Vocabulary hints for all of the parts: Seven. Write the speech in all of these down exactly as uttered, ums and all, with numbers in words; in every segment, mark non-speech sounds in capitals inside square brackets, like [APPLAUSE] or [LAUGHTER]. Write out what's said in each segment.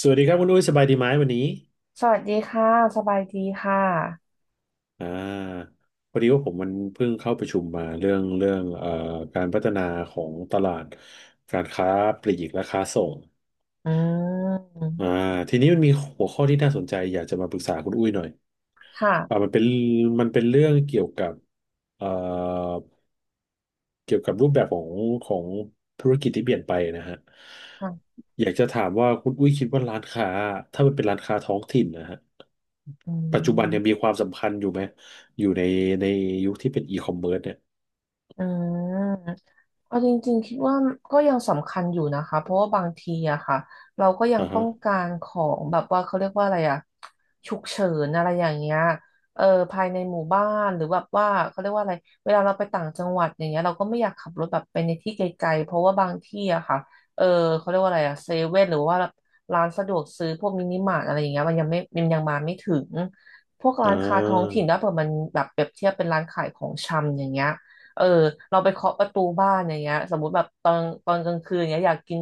สวัสดีครับคุณอุ้ยสบายดีไหมวันนี้สวัสดีค่ะสบายดีค่ะอ่าพอดีว่าผมมันเพิ่งเข้าประชุมมาเรื่องเรื่องเอ่อการพัฒนาของตลาดการค้าปลีกและค้าส่งอือ่ามทีนี้มันมีหัวข้อที่น่าสนใจอยากจะมาปรึกษาคุณอุ้ยหน่อยอ่าค่ะมันเป็นมันเป็นเรื่องเกี่ยวกับเอ่อ เกี่ยวกับรูปแบบของของธุรกิจที่เปลี่ยนไปนะฮะค่ะอยากจะถามว่าคุณอุ้ยคิดว่าร้านค้าถ้ามันเป็นร้านค้าท้องถิ่นนะฮะอืปัจจุบันยังม มีความสำคัญอยู่ไหมอยู่ในในยุคที่เป็นอีคอมเมิร์ซเนี่ยอืมเอาจริงๆคิดว่าก็ยังสำคัญอยู่นะคะเพราะว่าบางทีอะค่ะเราก็ยังอ่าต้อฮะงการของแบบว่าเขาเรียกว่าอะไรอะฉุกเฉินอะไรอย่างเงี้ยเออภายในหมู่บ้านหรือแบบว่าเขาเรียกว่าอะไรเวลาเราไปต่างจังหวัดอย่างเงี้ยเราก็ไม่อยากขับรถแบบไปในที่ไกลๆเพราะว่าบางที่อะค่ะเออเขาเรียกว่าอะไรอะเซเว่นหรือว่าร้านสะดวกซื้อพวกมินิมาร์ทอะไรอย่างเงี้ยมันยังไม่มันยังมาไม่ถึงพวกอ่ร้านค้าท้องาถิ่นถ้าเผื่อมันแบบเปรียบเทียบเป็นร้านขายของชำอย่างเงี้ย เออเราไปเคาะประตูบ้านอย่างเงี้ยสมมุติแบบตอนตอนกลางคืนเงี้ยอยากกิน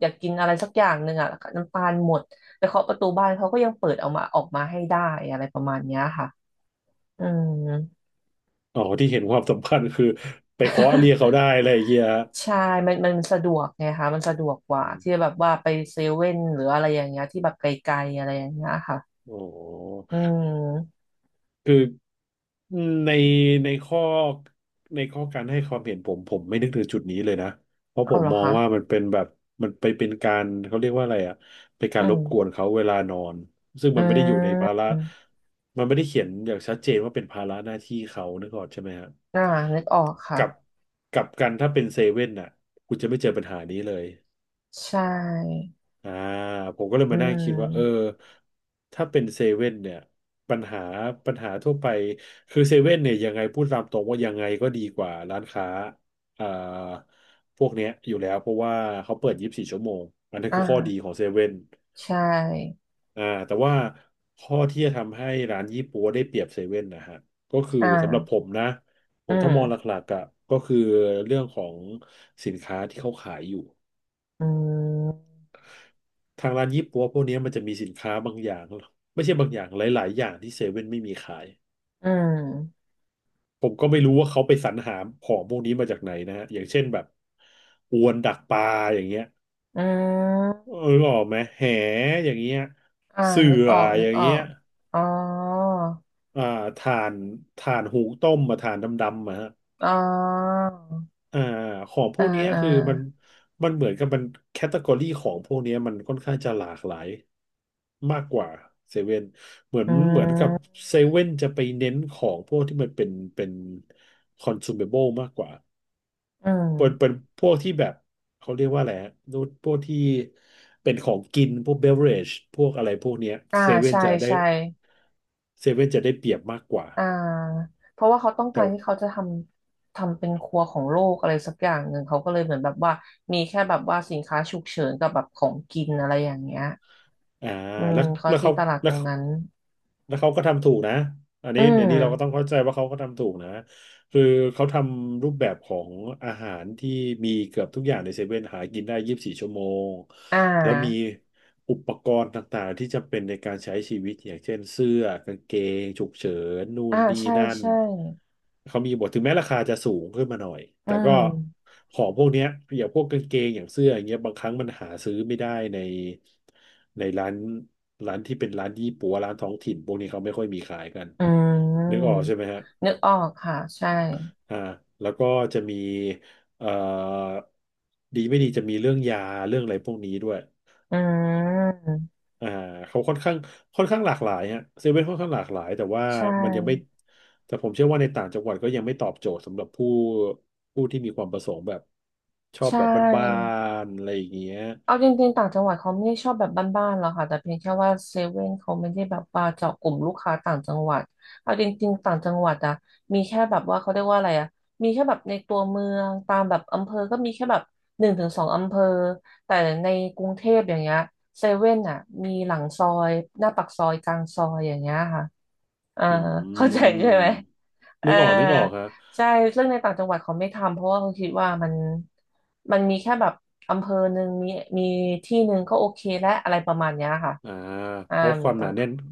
อยากกินอะไรสักอย่างหนึ่งอ่ะน้ำตาลหมดไปเคาะประตูบ้านเขาก็ยังเปิดเอามาออกมาให้ได้อะไรประมาณเนี้ยค่ะอืม อ๋อที่เห็นความสำคัญคือไปเคาะเรียกเขาได้อะไรอย่างเงี้ยฮะ [LAUGHS] ใช่มันมันสะดวกไงคะมันสะดวกกว่าอมที่แบบว่าไปเซเว่นหรืออะไรอย่างเงี้ยที่แบบไกลๆอะไรอย่างเงี้ยค่ะอ๋อ อืมคือในในข้อในข้อการให้ความเห็นผมผมไม่นึกถึงจุดนี้เลยนะเพราะผเอามเหรอมองคะว่ามันเป็นแบบมันไปเป็นการเขาเรียกว่าอะไรอ่ะเป็นกาอืรรมบกวนเขาเวลานอนซึ่งอืมันไม่ได้อยู่ในภาระมมันไม่ได้เขียนอย่างชัดเจนว่าเป็นภาระหน้าที่เขานึกออกใช่ไหมฮะอ่านึกออกค่ะกับกับกันถ้าเป็นเซเว่นน่ะคุณจะไม่เจอปัญหานี้เลย ใช่อ่าผมก็เลยอืมานั่งคิดว่าเออมถ้าเป็นเซเว่นเนี่ยปัญหาปัญหาทั่วไปคือเซเว่นเนี่ยยังไงพูดตามตรงว่ายังไงก็ดีกว่าร้านค้าอ่าพวกเนี้ยอยู่แล้วเพราะว่าเขาเปิดยี่สิบสี่ชั่วโมงอันนั้นอ่คือข้อดีขาองเซเว่นใช่ อ่าแต่ว่าข้อที่จะทำให้ร้านยี่ปั๊วได้เปรียบเซเว่นนะฮะก็คืออ่สำหรับผา มนะผอืมถ้ามองหม ลักๆอ่ะก็คือเรื่องของสินค้าที่เขาขายอยู่ อืม ทางร้านยี่ปั๊วพวกเนี้ยมันจะมีสินค้าบางอย่างไม่ใช่บางอย่างหลายๆอย่างที่เซเว่นไม่มีขายอืม ผมก็ไม่รู้ว่าเขาไปสรรหาของพวกนี้มาจากไหนนะฮะอย่างเช่นแบบอวนดักปลาอย่างเงี้ยอืมเออออกไหมแหอย่างเงี้ยอ่าเสื่นึกอออกนึอกย่างออเงี้ยกอ๋ออ่าถ่านถ่านหุงต้มมาถ่านดำๆมาฮะ อ๋ออ่าของพวอ่ากเนี้ยอ่าคือมันมันเหมือนกับมันแคตตากรีของพวกเนี้ยมันค่อนข้างจะหลากหลายมากกว่าเซเว่นเหมือนอืเหมือนกับม เซเว่นจะไปเน้นของพวกที่มันเป็นเป็นคอน sumable มากกว่าอืเป็นเป็ม นพวกที่แบบเขาเรียกว่าอะไรฮะพวกที่เป็นของกินพวกเบเวอเรจพวกอะไรพวกเนี้ยอ่า เซเว่นใช่จะได้ใช่เซเว่นจะได้เปรียบมากกว่าอ่า เพราะว่าเขาต้องแต่การที่เขาจะทำทำเป็นครัวของโลกอะไรสักอย่างหนึ่งเขาก็เลยเหมือนแบบว่ามีแค่แบบว่าสินค้าฉุกเฉินกับแบบของกินอะไรอย่างเงี้ยอ่าอืม แล้วเขาแล้วตีเขาตลาดตแล้ว รงนั้น แล้วเขาก็ทำถูกนะ อันอืนี้เดี๋ยวนี้เราก็ต้องม เข้าใจว่าเขาก็ทำถูกนะ คือเขาทำรูปแบบของอาหารที่มีเกือบทุกอย่างในเซเว่นหากินได้ยี่สิบสี่ชั่วโมง อ่แล้วมีา อุปกรณ์ต่างๆที่จำเป็นในการใช้ชีวิตอย่างเช่นเสื้อกางเกงฉุกเฉินนู่นอ่า นี่ใช่นั่น ใช่เขามีบทถึงแม้ราคาจะสูงขึ้นมาหน่อยอืแต่ก็ม ของพวกเนี้ยอย่างพวกกางเกงอย่างเสื้ออย่างเงี้ยบางครั้งมันหาซื้อไม่ได้ในในร้านร้านที่เป็นร้านยี่ปัวร้านท้องถิ่นพวกนี้เขาไม่ค่อยมีขายกันอืนึกออกมใช่ไหมฮะนึกออกค่ะใช่อ่าแล้วก็จะมีเอ่อดีไม่ดีจะมีเรื่องยาเรื่องอะไรพวกนี้ด้วย อืมอ่าเขาค่อนข้างค่อนข้างหลากหลายฮะเซเว่นค่อนข้างหลากหลายแต่ว่าใช่มันยังไม่แต่ผมเชื่อว่าในต่างจังหวัดก็ยังไม่ตอบโจทย์สำหรับผู้ผู้ที่มีความประสงค์แบบชอใชบแบบบ้า่ นๆอะไรอย่างเงี้ยเอาจริงๆต่างจังหวัดเขาไม่ได้ชอบแบบบ้านๆหรอกค่ะแต่เพียงแค่ว่าเซเว่นเขาไม่ได้แบบว่าเจาะกลุ่มลูกค้าต่างจังหวัดเอาจริงๆต่างจังหวัดอะมีแค่แบบว่าเขาเรียกว่าอะไรอะมีแค่แบบในตัวเมืองตามแบบอำเภอก็มีแค่แบบหนึ่งถึงสองอำเภอแต่ในกรุงเทพอย่างเงี้ยเซเว่นอะมีหลังซอยหน้าปากซอยกลางซอยอย่างเงี้ยค่ะอ่าอืเข้าใจใช่มไหมอ่า นึกออกนึกออกฮะใช่เรื่องในต่างจังหวัดเขาไม่ทำเพราะว่าเขาคิดว่ามันมันมีแค่แบบอำเภอหนึ่งมีมีที่หนึ่งก็โอเคและอะไรประมาณเนี้ยค่ะอ่าอ่าเพราะเหคมือวานมปหนาระมาแน่ณนนั้น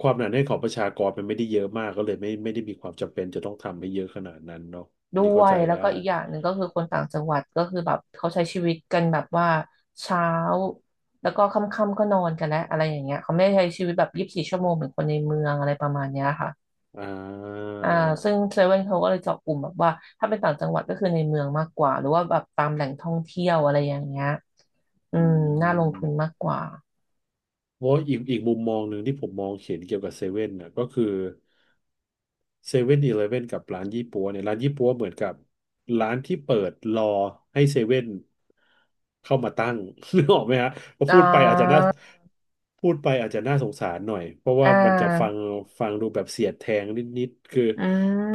ความหนาแน่นของประชากรมันไม่ได้เยอะมากก็เลยไม่ไม่ได้มีความจำเป็นจะต้องทำให้เยอะขนาดนั้นเนาะอันด้นี่วเข้าใจยแล้วได้ก็อีกอย่างหนึ่งก็คือคนต่างจังหวัดก็คือแบบเขาใช้ชีวิตกันแบบว่าเช้าแล้วก็ค่ำๆก็นอนกันแล้วอะไรอย่างเงี้ยเขาไม่ได้ใช้ชีวิตแบบยี่สิบสี่ชั่วโมงเหมือนคนในเมืองอะไรประมาณเนี้ยค่ะ อ่าอ่าซึ่งเซเว่นเขาก็เลยเจาะกลุ่มแบบว่าถ้าเป็นต่างจังหวัดก็คือในเมืองมากกว่าหรือว่าแบบตามแหล่งท่องเที่ยวอะไรอย่างเงี้ย อือืม น่าลงทุนม มากกว่า เพราะอีกอีกมุมมองหนึ่งที่ผมมองเห็นเกี่ยวกับเซเว่นน่ะก็คือเซเว่นอีเลฟเว่นกับร้านยี่ปั๊วเนี่ยร้านยี่ปั๊วเหมือนกับร้านที่เปิดรอให้เซเว่นเข้ามาตั้ง [LAUGHS] นึกออกไหมฮะพออ่พูดไปอาจจะน่าาพูดไปอาจจะน่าสงสารหน่อยเพราะอ่ว่ามันจะฟังาฟังดูแบบเสียดแทงนิดๆคืออื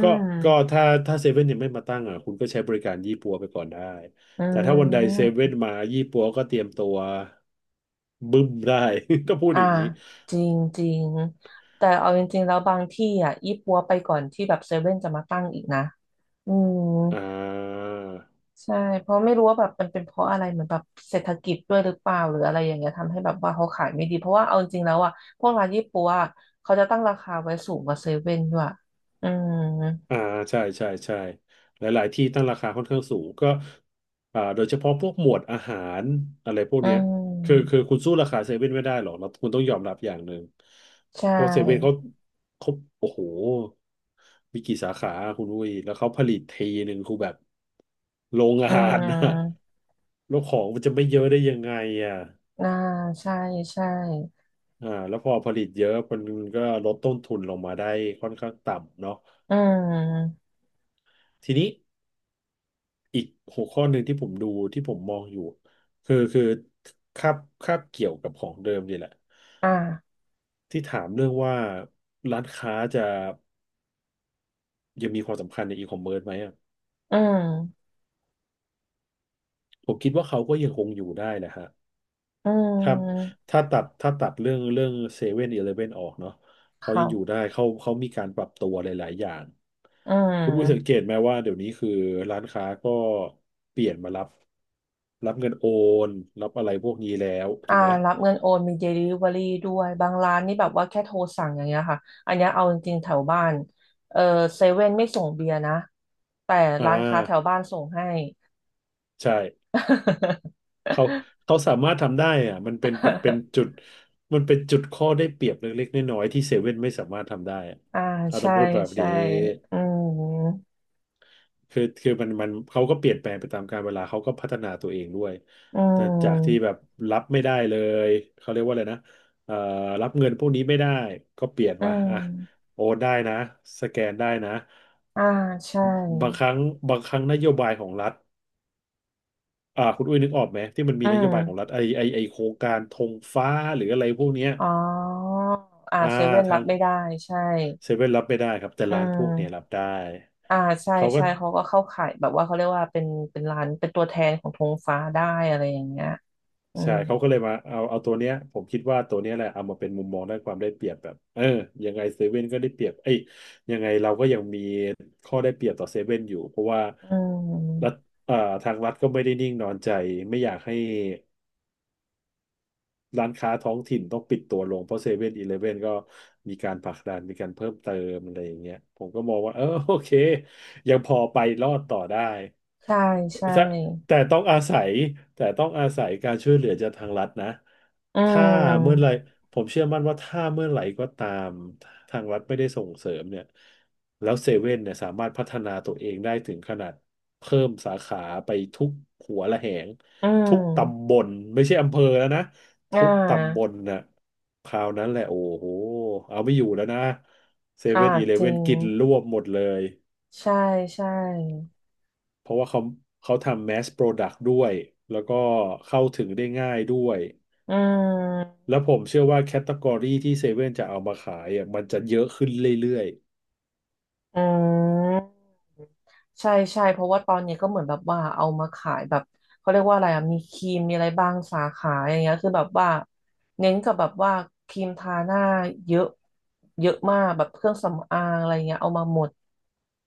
ก็ก็ถ้าถ้าเซเว่นยังไม่มาตั้งอ่ะคุณก็ใช้บริการยี่ปั๊วไปก่อนได้อืแต่ถ้าวันใดเซเว่ม นมายี่ปั๊วก็เตรียมตัวบึ้มได้ [LAUGHS] ก็พูดอ่า อย่างนี้ จริงจริง แต่เอาจริงๆแล้วบางที่อ่ะยี่ปัวไปก่อนที่แบบเซเว่นจะมาตั้งอีกนะอืม อ่าใช่เพราะไม่รู้ว่าแบบมันเป็นเพราะอะไรเหมือนแบบเศรษฐกิจด้วยหรือเปล่าหรืออะไรอย่างเงี้ยทำให้แบบว่าเขาขายไม่ดีเพราะว่าเอาจริงๆแล้วอ่ะพวกร้านยี่ปัวอะเขาจะตั้งราคาไว้สูงกว่าเซเว่นด้วยอืมอ่าใช่ใช่ใช่หลายๆที่ตั้งราคาค่อนข้างสูงก็อ่าโดยเฉพาะพวกหมวดอาหารอะไรพวกอืเนี้ยคือมคือคุณสู้ราคาเซเว่นไม่ได้หรอกเราคุณต้องยอมรับอย่างหนึ่งใชเพราะเซเว่นเขา่เขาโอ้โหมีกี่สาขาคุณอุ้ยแล้วเขาผลิตทีหนึ่งคือแบบโรงอืงานนะ ม [LAUGHS] แล้วของมันจะไม่เยอะได้ยังไงอ่ะอ่าใช่ใช่อ่าแล้วพอผลิตเยอะมันก็ลดต้นทุนลงมาได้ค่อนข้างต่ำเนาะอืมทีนี้ อีกหัวข้อหนึ่งที่ผมดูที่ผมมองอยู่คือคือคาบคาบเกี่ยวกับของเดิมนี่แหละอ่าที่ถามเรื่องว่าร้านค้าจะยังมีความสำคัญในอีคอมเมิร์ซไหมอะอืมผมคิดว่าเขาก็ยังคงอยู่ได้แหละฮะอืถ้ามถ้าตัดถ้าตัดเรื่องเรื่องเซเว่นอีเลฟเว่นออกเนาะเขายังอยู่ค่ะได้เขาเขามีการปรับตัวหลายๆอย่างอืคุณอุ้ยสังเกม ตไหมว่าเดี๋ยวนี้คือร้านค้าก็เปลี่ยนมารับรับเงินโอนรับอะไรพวกนี้แล้วถูอ่ากไหมรับเงินโอนมี Delivery ด้วยบางร้านนี่แบบว่าแค่โทรสั่งอย่างเงี้ยค่ะอันเนี้ยเอาจริงๆแถวบ้านเออเซเว่นไม่ส่งเบียร์นะแต่อ่า ร้านค้าแถวบ้านส่งให้ ใช่เขาเขาสามารถทำได้อะมันเป็นมันเป็นจุดมันเป็นจุดข้อได้เปรียบเล็กๆน้อยๆที่เซเว่นไม่สามารถทำได้อะ [LAUGHS] อ่าเราต้อใช่งพูดแบบใช่นี้อืมคือคือมันมันเขาก็เปลี่ยนแปลงไปตามกาลเวลาเขาก็พัฒนาตัวเองด้วยอืแต่จากที่มแบบรับไม่ได้เลยเขาเรียกว่าอะไรนะเอ่อรับเงินพวกนี้ไม่ได้ก็เปลี่ยนอืมาอ่ะมโอนได้นะสแกนได้นะอ่าใช่บางครั้งบางครั้งนโยบายของรัฐ อ่าคุณอุ้ยนึกออกไหมที่มันมีอืนโยบายของรัฐมไอไอไอโครงการธงฟ้าหรืออะไรพวกเนี้ยอ๋ออ่าอ่าเซเว่นทารับงไม่ได้ใช่เซเว่นรับไม่ได้ครับแต่อืร้านพวกเนี้ยรับม ได้อ่าใช่เขาก็ใช่เขาก็เข้าข่ายแบบว่าเขาเรียกว่าเป็นเป็นร้านเป็นตัวแทนของธงฟ้าได้อะไรอย่างเงี้ยอืใช่มเขาก็เลยมาเอาเอาตัวเนี้ยผมคิดว่าตัวเนี้ยแหละเอามาเป็นมุมมองด้านความได้เปรียบแบบเออยังไงเซเว่นก็ได้เปรียบเอ้ยยังไงเราก็ยังมีข้อได้เปรียบต่อเซเว่นอยู่เพราะว่าอืรัฐมอ่าทางรัฐก็ไม่ได้นิ่งนอนใจไม่อยากให้ ร้านค้าท้องถิ่นต้องปิดตัวลงเพราะเซเว่นอีเลฟเว่นก็มีการผลักดันมีการเพิ่มเติมอะไรอย่างเงี้ยผมก็มองว่าเออ [LAUGHS] โอเคยังพอไปรอดต่อได้ใช่ใช่แต่แต่ต้องอาศัยแต่ต้องอาศัยการช่วยเหลือจากทางรัฐนะอืถ้าเมื่อไหร่มผมเชื่อมั่นว่าถ้าเมื่อไหร่ก็ตามทางรัฐไม่ได้ส่งเสริมเนี่ยแล้วเซเว่นเนี่ยสามารถพัฒนาตัวเองได้ถึงขนาดเพิ่มสาขาไปทุกหัวระแหงอืทุกตำบมลไม่ใช่อำเภอแล้วนะ อ่ทุกตำบาลน่ะคราวนั้นแหละโอ้โหเอาไม่อยู่แล้วนะเซอ่าเว่นอีเลจริเว่นงกินรวบหมดเลยใช่ใช่เพราะว่าเขาเขาทำแมสโปรดักต์ด้วยแล้วก็เข้าถึงได้ง่ายด้วยอืมแล้วผมเชื่อว่าแคตตากรีที่เซเว่นจะเอามาขายอ่ะมันจะเยอะขึ้นเรื่อยอืม ใช่ใช่เพราะว่าตอนนี้ก็เหมือนแบบว่าเอามาขายแบบเขาเรียกว่าอะไรอะมีครีมมีอะไรบ้างสาขาอย่างเงี้ยคือแบบว่าเน้นกับแบบว่าครีมทาหน้าเยอะเยอะมากแบบเครื่องสำอางอะไรเงี้ยเอามาหมด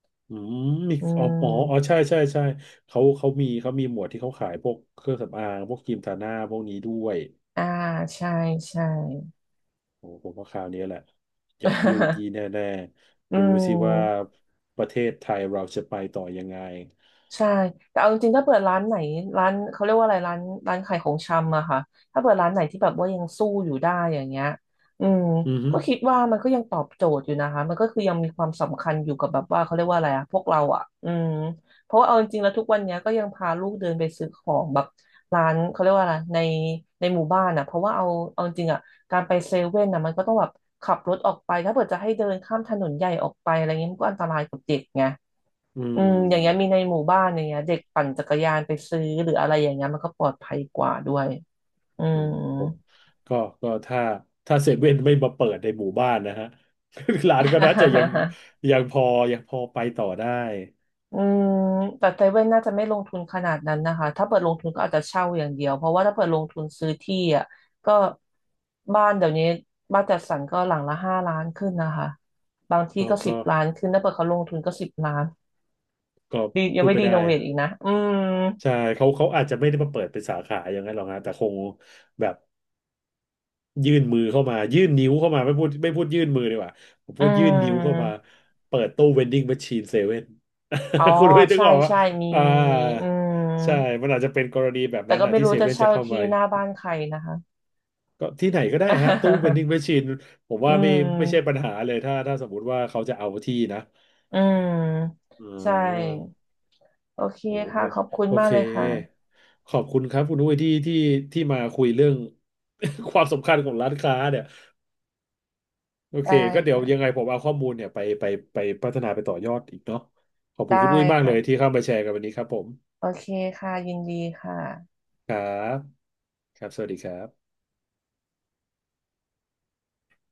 ๆอืมมีอือ๋ออ๋ออ๋อมใช่ใช่ใช่เขาเขามีเขามีหมวดที่เขาขายพวกเครื่องสำอางพวกครีมทาหน้าพวกนี้ด้วย อ่าใช่ใช่ โอ้ผมว่าคราวนี้แหละยับยูยีแน่ [LAUGHS] อืๆดูสิว่าม ประเทศไทยเราจะไปต่อยังไงใช่แต่เอาจริงๆถ้าเปิดร้านไหนร้านเขาเรียกว่าอะไรร้านร้านขายของชำอะค่ะถ้าเปิดร้านไหนที่แบบว่ายังสู้อยู่ได้อย่างเงี้ยอืมอือฮึก็คิดว่ามันก็ยังตอบโจทย์อยู่นะคะมันก็คือยังมีความสำคัญอยู่กับแบบว่าเขาเรียกว่าอะไรอะพวกเราอะอืมเพราะว่าเอาจริงๆแล้วทุกวันเนี้ยก็ยังพาลูกเดินไปซื้อของแบบร้านเขาเรียกว่าอะไรในในหมู่บ้านอะเพราะว่าเอาเอาจริงๆอะการไปเซเว่นอะมันก็ต้องแบบขับรถออกไปถ้าเปิดจะให้เดินข้ามถนนใหญ่ออกไปอะไรเงี้ยมันก็อันตรายกับเด็กไง อือืมอย่างเงี้ยมีมในหมู่บ้านอย่างเงี้ยเด็กปั่นจักรยานไปซื้อหรืออะไรอย่างเงี้ยมันก็ปลอดภัยกว่าด้วยอือืม มผมก็ก็ถ้าถ้าเซเว่นไม่มาเปิดในหมู่บ้านนะฮะ [LAUGHS] ร้านก็น่าจะยัง [LAUGHS] ยังพอยังพอไปต่อได้อืมแต่เซเว่นน่าจะไม่ลงทุนขนาดนั้นนะคะถ้าเปิดลงทุนก็อาจจะเช่าอย่างเดียวเพราะว่าถ้าเปิดลงทุนซื้อที่อ่ะก็บ้านเดี๋ยวนี้บ้านจัดสรรก็หลังละห้าล้านขึ้นนะคะบางที่ก็ก็สิก็บล้านขึ้นถ้าเปิดเขาลงทุนก็สิบล้านก็ดียังพูดไม่ไปรีโนได้เวทอีกนะอืมใช่เขาเขาอาจจะไม่ได้มาเปิดเป็นสาขาอย่างนั้นหรอกฮะแต่คงแบบ ยื่นมือเข้ามายื่นนิ้วเข้ามาไม่พูดไม่พูดยื่นมือดีกว่าผมอืพูดยื่นนิ้วเข้ามามเปิดตู้เวนดิ้งแมชชีนเซเว่น อ๋อ [LAUGHS] คุณไม่นึกใช่ออกว่าใช่มีอ่ามีมีอืม ใช่มันอาจจะเป็นกรณีแบบแต่นั้นก็อ่ะไม่ที่รู้เซจะเว่นจะเช่าเข้ามาที่หน้าบ้านใครนะคะ ก็ที่ไหนก็ได้ฮะตู้เวนดิ้ [LAUGHS] งแมชชีนผมอืว่าไม่มไม่ใช่ปัญหาเลยถ้าถ้าสมมติว่าเขาจะเอาที่นะอืมอ่ใช่ าโอเคโอ้โหค่ะ ขอบคุณโอมากเคเลยค่ะ ขอบคุณครับคุณอุ้ยที่ที่ที่มาคุยเรื่อง [LAUGHS] ความสำคัญของร้านค้าเนี่ย โอเคได้ก็เดี๋ยวยังไงค่ะ ผมเอาข้อมูลเนี่ยไปไปไปพัฒนาไปต่อยอดอีกเนาะขอบคุณได้คุณอุ้ยมากเลยที่ค่ะ เข้ามาแชร์กันวันนี้ครับผมโอเคค่ะ ยินดีค่ะครับครับสวัสดีครับ